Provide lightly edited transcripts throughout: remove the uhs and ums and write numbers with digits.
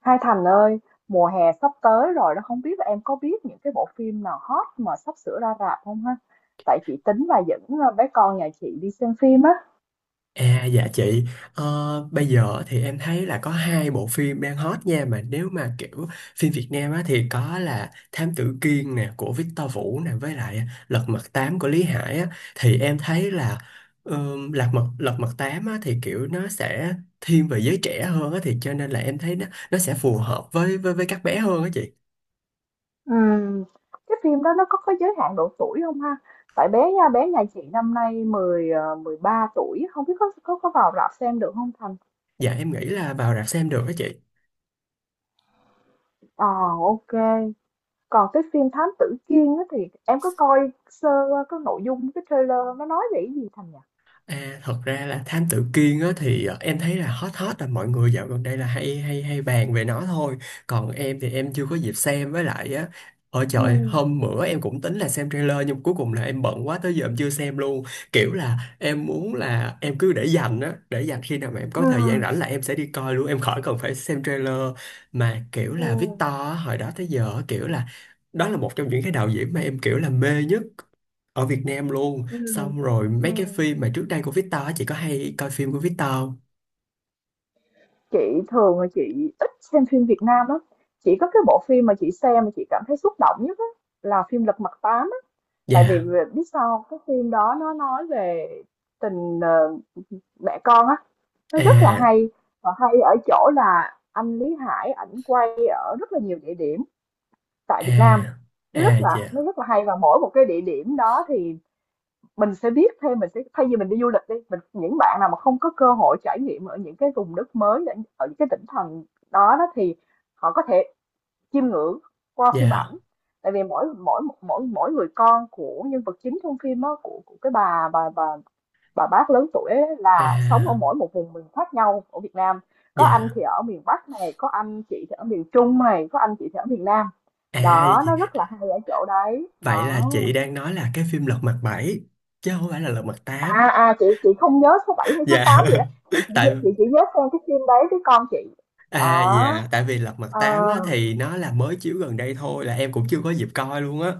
Hai Thành ơi, mùa hè sắp tới rồi đó, không biết là em có biết những cái bộ phim nào hot mà sắp sửa ra rạp không ha? Tại chị tính là dẫn bé con nhà chị đi xem phim á. À dạ chị, bây giờ thì em thấy là có hai bộ phim đang hot nha, mà nếu mà kiểu phim Việt Nam á thì có là Thám Tử Kiên nè của Victor Vũ nè, với lại Lật Mặt Tám của Lý Hải á. Thì em thấy là Lật Mặt Tám á thì kiểu nó sẽ thiên về giới trẻ hơn á, thì cho nên là em thấy nó sẽ phù hợp với với các bé hơn á chị. Ừm, cái phim đó nó có giới hạn độ tuổi không ha? Tại bé nha, bé nhà chị năm nay 10 13 tuổi, không biết có vào rạp xem được không Thành? Dạ em nghĩ là vào rạp xem được á chị. Ờ, ok. Còn cái phim Thám Tử Kiên á thì em có coi sơ qua cái nội dung cái trailer nó nói về cái gì Thành nhỉ? À, thật ra là Thám Tử Kiên á, thì em thấy là hot, hot là mọi người dạo gần đây là hay hay hay bàn về nó thôi. Còn em thì em chưa có dịp xem, với lại á, ôi trời, Ừ, hôm bữa em cũng tính là xem trailer nhưng cuối cùng là em bận quá tới giờ em chưa xem luôn. Kiểu là em muốn là em cứ để dành á, để dành khi nào mà em có ừ, thời gian rảnh là em sẽ đi coi luôn, em khỏi cần phải xem trailer. Mà kiểu ừ, là Victor á, hồi đó tới giờ á, kiểu là đó là một trong những cái đạo diễn mà em kiểu là mê nhất ở Việt Nam luôn. ừ, Xong rồi ừ. mấy cái phim mà trước đây của Victor á, chị có hay coi phim của Victor không? Chị thường là chị ít xem phim Việt Nam lắm. Chỉ có cái bộ phim mà chị xem mà chị cảm thấy xúc động nhất á, là phim Lật Mặt Tám á. Tại vì Dạ, vì- biết sao không? Cái phim đó nó nói về tình mẹ con á, nó rất là à, hay và hay ở chỗ là anh Lý Hải ảnh quay ở rất là nhiều địa điểm tại Việt Nam. à, Nó rất à, là dạ, nó rất là hay và mỗi một cái địa điểm đó thì mình sẽ biết thêm mình sẽ thay vì mình đi du lịch đi mình những bạn nào mà không có cơ hội trải nghiệm ở những cái vùng đất mới ở ở những cái tỉnh thành đó đó thì họ có thể chiêm ngưỡng qua phim dạ, ảnh tại vì mỗi mỗi mỗi mỗi người con của nhân vật chính trong phim á của cái bà bác lớn tuổi ấy, là sống ở à, mỗi một vùng miền khác nhau ở Việt Nam. Có anh dạ, thì ở miền Bắc này, có anh chị thì ở miền Trung này, có anh chị thì ở miền Nam. à, Đó, nó rất là hay ở chỗ đấy vậy là đó. chị đang nói là cái phim Lật Mặt Bảy chứ không phải là Lật Mặt Tám. À, chị không nhớ số 7 hay số Dạ, 8 gì đó. chị chỉ tại chị chỉ nhớ xem cái phim đấy với con chị. à, Đó, dạ, tại vì Lật Mặt ờ, Tám á, thì nó là mới chiếu gần đây thôi là em cũng chưa có dịp coi luôn á.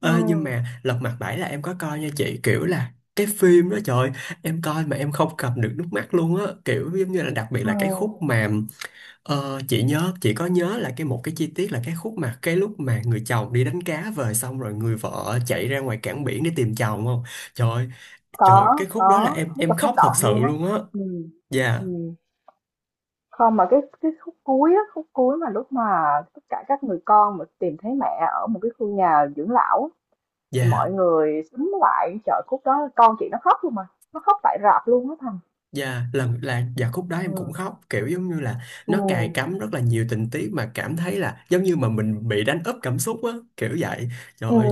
ừ, Ê, nhưng mà Lật Mặt Bảy là em có coi nha chị, kiểu là cái phim đó, trời ơi, em coi mà em không cầm được nước mắt luôn á, kiểu giống như là đặc biệt ừ, là cái khúc mà chị nhớ, chị có nhớ là một cái chi tiết là cái khúc mà cái lúc mà người chồng đi đánh cá về, xong rồi người vợ chạy ra ngoài cảng biển để tìm chồng không? Trời ơi, trời ơi, có cái khúc đó là có em rất là em xúc khóc thật động sự luôn á. luôn á. Ừ, Dạ, ừ. Không mà cái khúc cuối á, khúc cuối mà lúc mà tất cả các người con mà tìm thấy mẹ ở một cái khu nhà dưỡng lão á, thì dạ. mọi người xúm lại chợ khúc đó, con chị nó khóc luôn mà, nó khóc tại rạp luôn á Thành. Dạ, lần là dạ khúc đó em cũng Ừ, khóc, kiểu giống như là ừ, nó cài cắm rất là nhiều tình tiết mà cảm thấy là giống như mà mình bị đánh úp cảm xúc á, kiểu vậy. Trời ừ, ơi,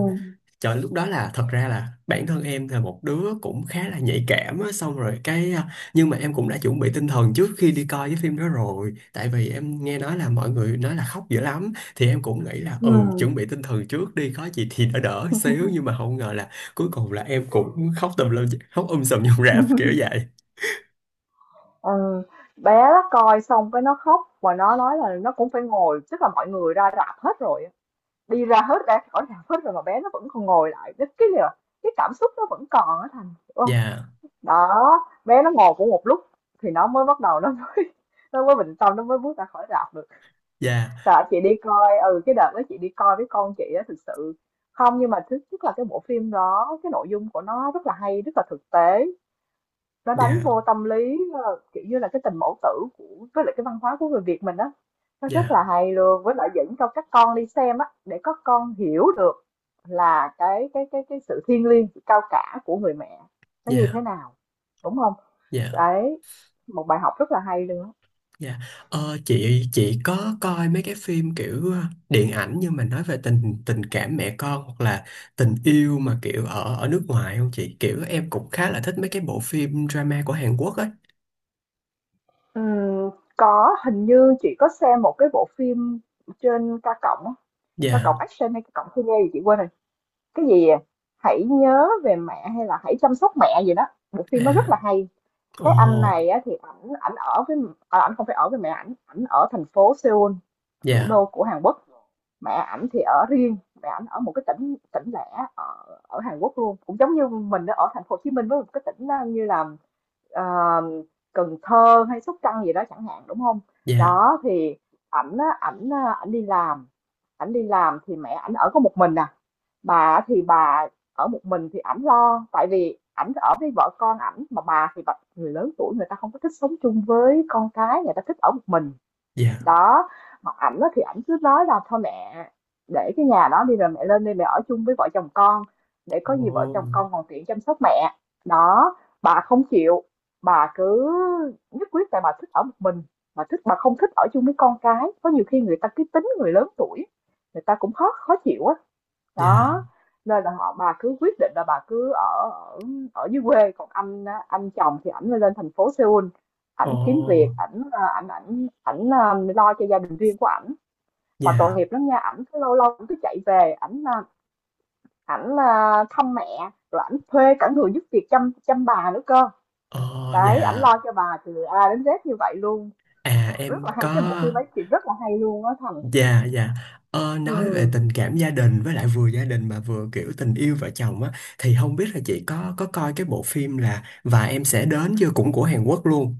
trời, lúc đó là thật ra là bản thân em là một đứa cũng khá là nhạy cảm á, xong rồi nhưng mà em cũng đã chuẩn bị tinh thần trước khi đi coi cái phim đó rồi, tại vì em nghe nói là mọi người nói là khóc dữ lắm, thì em cũng nghĩ là ừ. ừ chuẩn bị tinh thần trước đi, có gì thì đỡ đỡ xíu, nhưng mà không ngờ là cuối cùng là em cũng khóc tùm lum, khóc sùm trong rạp, Ừ. kiểu vậy. Ừ, bé nó coi xong cái nó khóc và nó nói là nó cũng phải ngồi, tức là mọi người ra rạp hết rồi á. Đi ra hết, ra khỏi rạp hết rồi mà bé nó vẫn còn ngồi lại, cái là cái cảm xúc nó vẫn còn á, Thành hiểu không? Dạ, Đó, bé nó ngồi cũng một lúc thì nó mới bắt đầu nó mới nó mới bình tâm, nó mới bước ra khỏi rạp được. dạ, Tại chị đi coi, ừ, cái đợt đó chị đi coi với con chị á, thực sự không, nhưng mà thứ nhất là cái bộ phim đó cái nội dung của nó rất là hay, rất là thực tế, nó đánh dạ, vô tâm lý, kiểu như là, cái tình mẫu tử của, với lại cái văn hóa của người Việt mình á, nó rất dạ, là hay luôn, với lại dẫn cho các con đi xem á, để các con hiểu được là cái sự thiêng liêng, sự cao cả của người mẹ nó như thế dạ, nào, đúng không? dạ, Đấy, một bài học rất là hay luôn á. dạ. Chị có coi mấy cái phim kiểu điện ảnh nhưng mà nói về tình tình cảm mẹ con, hoặc là tình yêu mà kiểu ở ở nước ngoài không chị? Kiểu em cũng khá là thích mấy cái bộ phim drama của Hàn Quốc ấy. Ừm, có, hình như chị có xem một cái bộ phim trên K cộng á, K Dạ, cộng Action hay K cộng Cine gì chị quên rồi, cái gì, à, "Hãy nhớ về mẹ" hay là "Hãy chăm sóc mẹ" gì đó, bộ phim nó rất à, là hay. ồ, Cái anh này á, thì ảnh ảnh ở với, à, ảnh không phải ở với mẹ, ảnh ảnh ở thành phố Seoul, thủ dạ, đô của Hàn Quốc. Mẹ ảnh thì ở riêng, mẹ ảnh ở một cái tỉnh tỉnh lẻ ở, ở Hàn Quốc luôn, cũng giống như mình ở thành phố Hồ Chí Minh với một cái tỉnh đó như là ờ, Cần Thơ hay Sóc Trăng gì đó chẳng hạn, đúng không? dạ, Đó thì ảnh á, ảnh, à, ảnh đi làm, ảnh đi làm thì mẹ ảnh ở có một mình nè. Bà thì bà ở một mình thì ảnh lo, tại vì ảnh ở với vợ con ảnh mà bà thì bà, người lớn tuổi người ta không có thích sống chung với con cái, người ta thích ở một mình. dạ, Đó, mà ảnh á thì ảnh cứ nói là thôi mẹ để cái nhà đó đi rồi mẹ lên đây mẹ ở chung với vợ chồng con, để có ồ, gì vợ chồng con còn tiện chăm sóc mẹ. Đó, bà không chịu, bà cứ nhất quyết, tại bà thích ở một mình, bà thích, bà không thích ở chung với con cái, có nhiều khi người ta cái tính người lớn tuổi người ta cũng khó khó chịu á. dạ, Đó, nên là họ, bà cứ quyết định là bà cứ ở ở ở dưới quê, còn anh á, anh chồng thì ảnh lên thành phố Seoul, ồ, ảnh kiếm việc ảnh, ảnh ảnh ảnh lo cho gia đình riêng của ảnh. Mà tội dạ, nghiệp lắm nha, ảnh cứ lâu lâu ảnh cứ chạy về ảnh, ảnh, thăm mẹ, rồi ảnh thuê cả người giúp việc chăm chăm bà nữa cơ. ồ, Đấy, ảnh dạ, lo cho bà từ A đến Z như vậy luôn. à Rất em là hay có. cái bộ phim ấy, thì rất là hay luôn á Thành. Dạ, dạ. Nói về Ừ, tình cảm gia đình, với lại vừa gia đình mà vừa kiểu tình yêu vợ chồng á, thì không biết là chị có coi cái bộ phim là Và em sẽ đến chưa, cũng của Hàn Quốc luôn,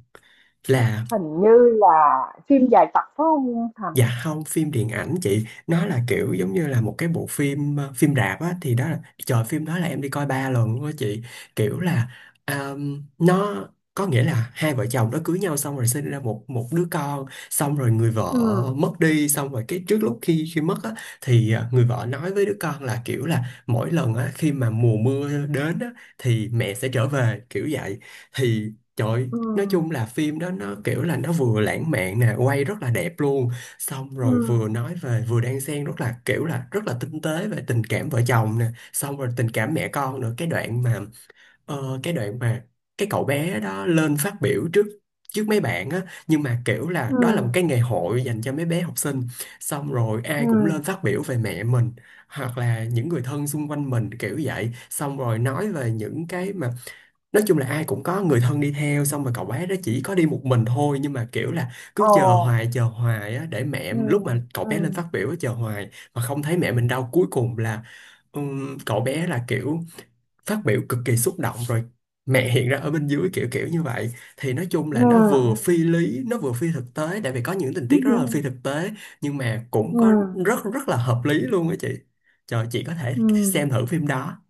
là hình như là phim dài tập phải không Thành? dạ không, phim điện ảnh chị. Nó là kiểu giống như là một cái bộ phim phim rạp á. Trời phim đó là em đi coi ba lần luôn á chị. Kiểu là nó có nghĩa là hai vợ chồng nó cưới nhau xong rồi sinh ra một một đứa con. Xong rồi người vợ Ừ, mất đi. Xong rồi cái trước lúc khi khi mất á, thì người vợ nói với đứa con là kiểu là mỗi lần á khi mà mùa mưa đến á thì mẹ sẽ trở về, kiểu vậy. Thì Trời, ừ, nói chung là phim đó nó kiểu là nó vừa lãng mạn nè, quay rất là đẹp luôn, xong rồi vừa nói về, vừa đan xen rất là kiểu là rất là tinh tế về tình cảm vợ chồng nè, xong rồi tình cảm mẹ con nữa. Cái đoạn mà cái đoạn mà cái cậu bé đó lên phát biểu trước, trước mấy bạn á, nhưng mà kiểu là ừ, đó là một cái ngày hội dành cho mấy bé học sinh, xong rồi ừ, ai cũng lên phát biểu về mẹ mình hoặc là những người thân xung quanh mình, kiểu vậy. Xong rồi nói về những cái mà nói chung là ai cũng có người thân đi theo, xong rồi cậu bé đó chỉ có đi một mình thôi, nhưng mà kiểu là ồ, cứ chờ hoài á, để mẹ ừ, lúc mà cậu ừ, bé lên phát biểu á, chờ hoài mà không thấy mẹ mình đâu, cuối cùng là cậu bé là kiểu phát biểu cực kỳ xúc động, rồi mẹ hiện ra ở bên dưới kiểu kiểu như vậy. Thì nói chung ừ, là nó vừa phi lý, nó vừa phi thực tế, tại vì có những tình ừ, tiết rất là phi thực tế, nhưng mà cũng ừ, có rất rất là hợp lý luôn á chị. Trời, chị có thể ừ. xem thử phim đó.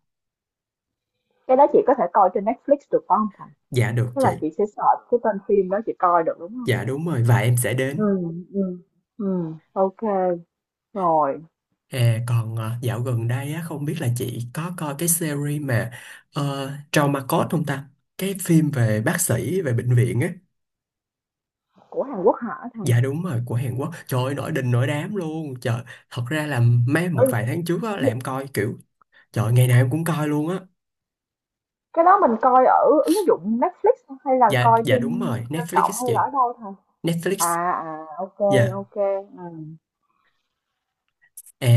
Cái đó chị có thể coi trên Netflix được phải không Thành? Dạ được Tức là chị. chị sẽ search cái tên phim đó chị coi được, đúng không? Dạ đúng rồi, Và em sẽ đến. Ừ, ừ, ừ, ok, rồi. À, còn dạo gần đây á, không biết là chị có coi cái series mà Trauma Code không ta? Cái phim về bác sĩ, về bệnh viện á. Của Hàn Quốc hả Thành? Dạ đúng rồi, của Hàn Quốc. Trời ơi, nổi đình nổi đám luôn. Trời, thật ra là Ừ, một vài tháng trước á, là em coi kiểu, trời, ngày nào em cũng coi luôn á. cái đó mình coi ở ứng dụng Netflix hay là Dạ, coi dạ đúng trên rồi, trên Netflix cộng á hay là chị. ở đâu Thành? Netflix, À, à, ok, dạ. ok. Ừ.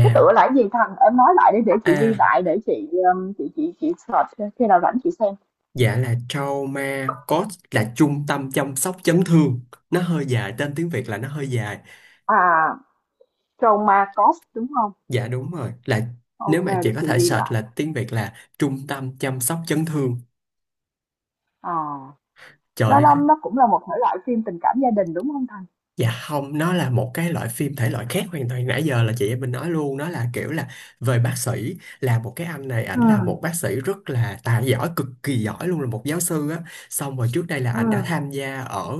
Cái tựa là cái gì Thành? Em nói lại để chị ghi à, lại để chị, chị search khi nào rảnh chị xem. dạ là Trauma Code là trung tâm chăm sóc chấn thương. Nó hơi dài, tên tiếng Việt là nó hơi dài. À, Trauma Cost đúng không? Dạ đúng rồi, là nếu Ok mà chị để có chị thể ghi search lại. là tiếng Việt là trung tâm chăm sóc chấn thương. À, Trời Lá ơi, Lâm nó cũng là một thể loại phim tình cảm gia đình đúng không Thành? dạ không, nó là một cái loại phim thể loại khác hoàn toàn. Nãy giờ là chị em mình nói luôn, nó là kiểu là về bác sĩ, là một cái anh này, ảnh Ừ, là một bác sĩ rất là tài giỏi, cực kỳ giỏi luôn, là một giáo sư á. Xong rồi trước đây là ừ, ảnh đã tham gia ở,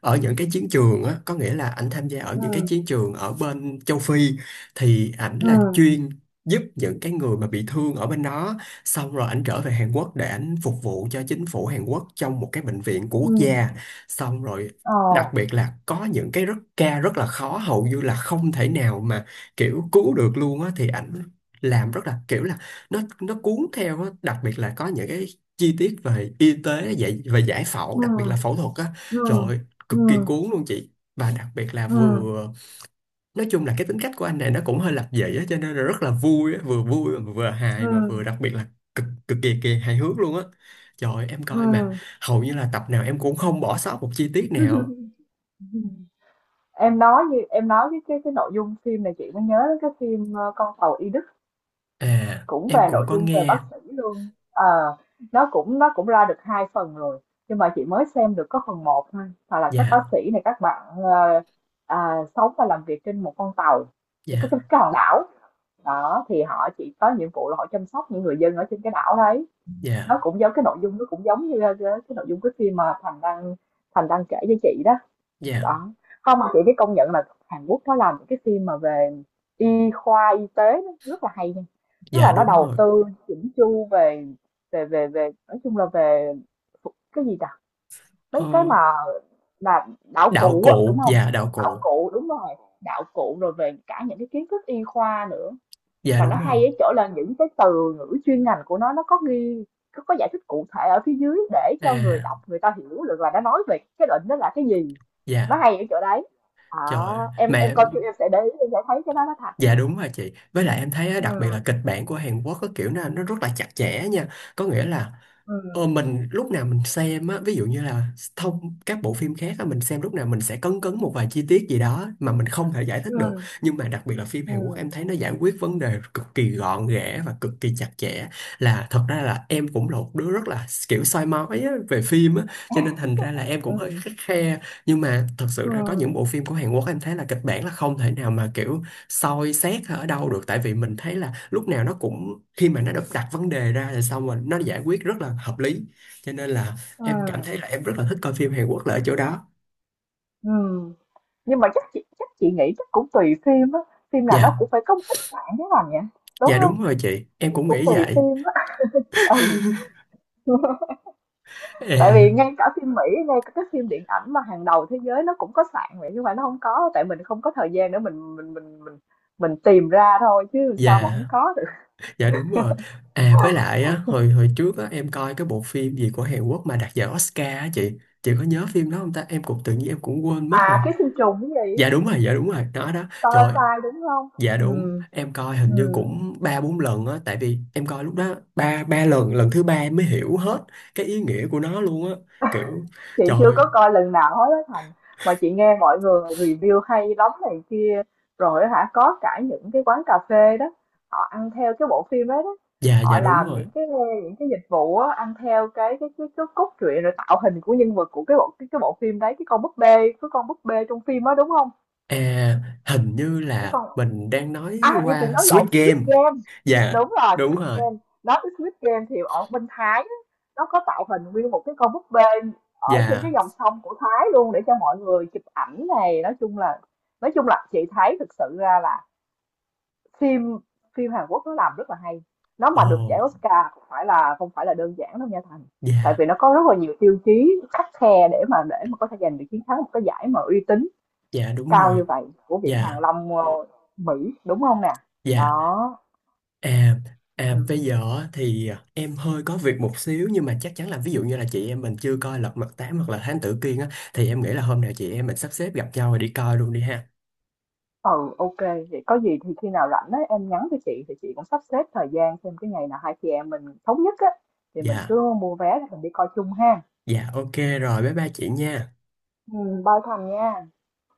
ở những cái chiến trường á, có nghĩa là ảnh tham gia ở ừ, những cái chiến trường ở bên châu Phi, thì ảnh ừ, là chuyên giúp những cái người mà bị thương ở bên đó. Xong rồi ảnh trở về Hàn Quốc để ảnh phục vụ cho chính phủ Hàn Quốc trong một cái bệnh viện của ừ, quốc gia. Xong rồi ờ, đặc biệt là có những cái ca rất là khó, hầu như là không thể nào mà kiểu cứu được luôn á, thì ảnh làm rất là kiểu là nó cuốn theo á. Đặc biệt là có những cái chi tiết về y tế, dạy về giải phẫu, ừ, đặc biệt là phẫu thuật á, ừ, trời ơi, cực ừ, kỳ cuốn luôn chị. Và đặc biệt là ừ, vừa nói chung là cái tính cách của anh này nó cũng hơi lập dị á, cho nên là rất là vui á, vừa vui mà vừa ừ, hài mà vừa đặc biệt là cực cực kỳ kỳ hài hước luôn á. Trời ơi, em ừ. coi mà hầu như là tập nào em cũng không bỏ sót một chi tiết nào. Em nói, như em nói cái nội dung phim này chị mới nhớ đến cái phim Con tàu y. À, Cũng em về cũng nội có dung về nghe. bác sĩ luôn. Ờ, nó cũng ra được hai phần rồi, nhưng mà chị mới xem được có phần một thôi, hoặc là các bác Dạ, sĩ này các bạn, à, sống và làm việc trên một con tàu, những cái dạ, cái cái hòn đảo đó thì họ chỉ có nhiệm vụ là họ chăm sóc những người dân ở trên cái đảo đấy. Nó dạ, cũng giống cái nội dung, nó cũng giống như cái nội dung cái phim mà Thành đang kể với chị đó. dạ, Đó, không mà chị phải công nhận là Hàn Quốc nó làm những cái phim mà về y khoa, y tế, nó rất là hay nha. Tức dạ là nó đúng đầu rồi. tư chỉnh chu về về nói chung là về phụ- cái gì ta? Mấy Ờ, cái mà là đạo cụ á, đúng không? Đạo Đạo cụ. cụ, đúng rồi, đạo cụ, rồi về cả những cái kiến thức y khoa nữa, Dạ mà nó đúng rồi. hay ở chỗ là những cái từ ngữ chuyên ngành của nó có ghi, có giải thích cụ thể ở phía dưới để cho người À, đọc người ta hiểu được là nó nói về cái định đó là cái gì, nó dạ, hay ở chỗ đấy. À, trời ơi. em Mà coi phim em sẽ để ý, em sẽ thấy cái đó nó thật. dạ đúng rồi chị. Với lại em thấy á, đặc biệt là Ừ, kịch bản của Hàn Quốc có kiểu nó rất là chặt chẽ nha. Có nghĩa là ừ, ờ, mình lúc nào mình xem á, ví dụ như là thông các bộ phim khác á, mình xem lúc nào mình sẽ cấn cấn một vài chi tiết gì đó mà mình không thể giải thích ừ, được. Nhưng mà đặc biệt là phim Hàn Quốc ừ, em thấy nó giải quyết vấn đề cực kỳ gọn ghẽ và cực kỳ chặt chẽ. Là thật ra là em cũng là ừ, một đứa rất là kiểu soi mói á, về phim á, cho nên thành ra là em cũng hơi ừ, khắt khe. Nhưng mà thật sự ừ, ra có những bộ phim của Hàn Quốc em thấy là kịch bản là không thể nào mà kiểu soi xét ở đâu được, tại vì mình thấy là lúc nào nó cũng, khi mà nó được đặt vấn đề ra rồi xong rồi nó giải quyết rất là hợp lý, cho nên là em cảm ừ, thấy là em rất là thích coi phim Hàn Quốc là ở chỗ đó. ừ. Nhưng mà chắc chị nghĩ chắc cũng tùy phim á, phim nào nó Dạ, cũng phải có một ít sạn cái nào nhỉ, đúng dạ không? đúng rồi chị, em cũng Cũng nghĩ tùy vậy. phim á. Ừ, tại À, vì ngay cả phim Mỹ, ngay cả các phim điện ảnh mà hàng đầu thế giới nó cũng có sạn vậy, nhưng mà nó không có, tại mình không có thời gian để mình mình tìm ra thôi, chứ sao mà không dạ, có được. dạ đúng rồi. À, với lại á, hồi hồi trước á em coi cái bộ phim gì của Hàn Quốc mà đạt giải Oscar á chị có nhớ phim đó không ta, em cũng tự nhiên em cũng quên À, mất rồi. ký sinh trùng cái gì. Dạ đúng rồi, dạ đúng rồi, đó đó, trời. Parasite đúng không? Dạ đúng, Ừ, em coi hình như ừ. cũng ba bốn lần á, tại vì em coi lúc đó ba ba lần, lần thứ ba em mới hiểu hết cái ý nghĩa của nó luôn á. Kiểu Chị trời chưa có ơi, coi lần nào hết á Thành, mà chị nghe mọi người review hay lắm này kia, rồi hả, có cả những cái quán cà phê đó, họ ăn theo cái bộ phim ấy đó. dạ, Họ dạ đúng làm rồi. những cái, những cái dịch vụ á, ăn theo cái cốt truyện rồi tạo hình của nhân vật của cái bộ phim đấy, cái con búp bê, cái con búp bê trong phim á đúng không? À hình như Cái là con, mình đang nói à, như chị qua nói Squid lộn Squid Game. Game. Dạ, Đúng rồi, đúng Squid rồi. Game. Nói tới Squid Game thì ở bên Thái á, nó có tạo hình nguyên một cái con búp bê ở trên cái Dạ. dòng sông của Thái luôn, để cho mọi người chụp ảnh này, nói chung là, nói chung là chị thấy thực sự ra là phim, phim Hàn Quốc nó làm rất là hay. Nó Ồ, mà được giải Oscar không phải là, không phải là đơn giản đâu nha Thành. Tại dạ, vì nó có rất là nhiều tiêu chí khắt khe để mà có thể giành được chiến thắng một cái giải mà uy tín dạ đúng cao như rồi. vậy của Viện Hàn Dạ, Lâm, Mỹ, đúng không nè? dạ. Đó. À, à Ừ. bây giờ thì em hơi có việc một xíu, nhưng mà chắc chắn là ví dụ như là chị em mình chưa coi Lật Mặt Tám hoặc là Thám Tử Kiên á thì em nghĩ là hôm nào chị em mình sắp xếp gặp nhau rồi đi coi luôn đi ha. Ừ, ok. Vậy có gì thì khi nào rảnh ấy, em nhắn cho chị thì chị cũng sắp xếp thời gian xem cái ngày nào hai chị em mình thống nhất á, thì mình Dạ, cứ mua vé rồi mình đi coi chung ha. dạ ok, rồi bye bye chị nha. Ừ, bao thành nha.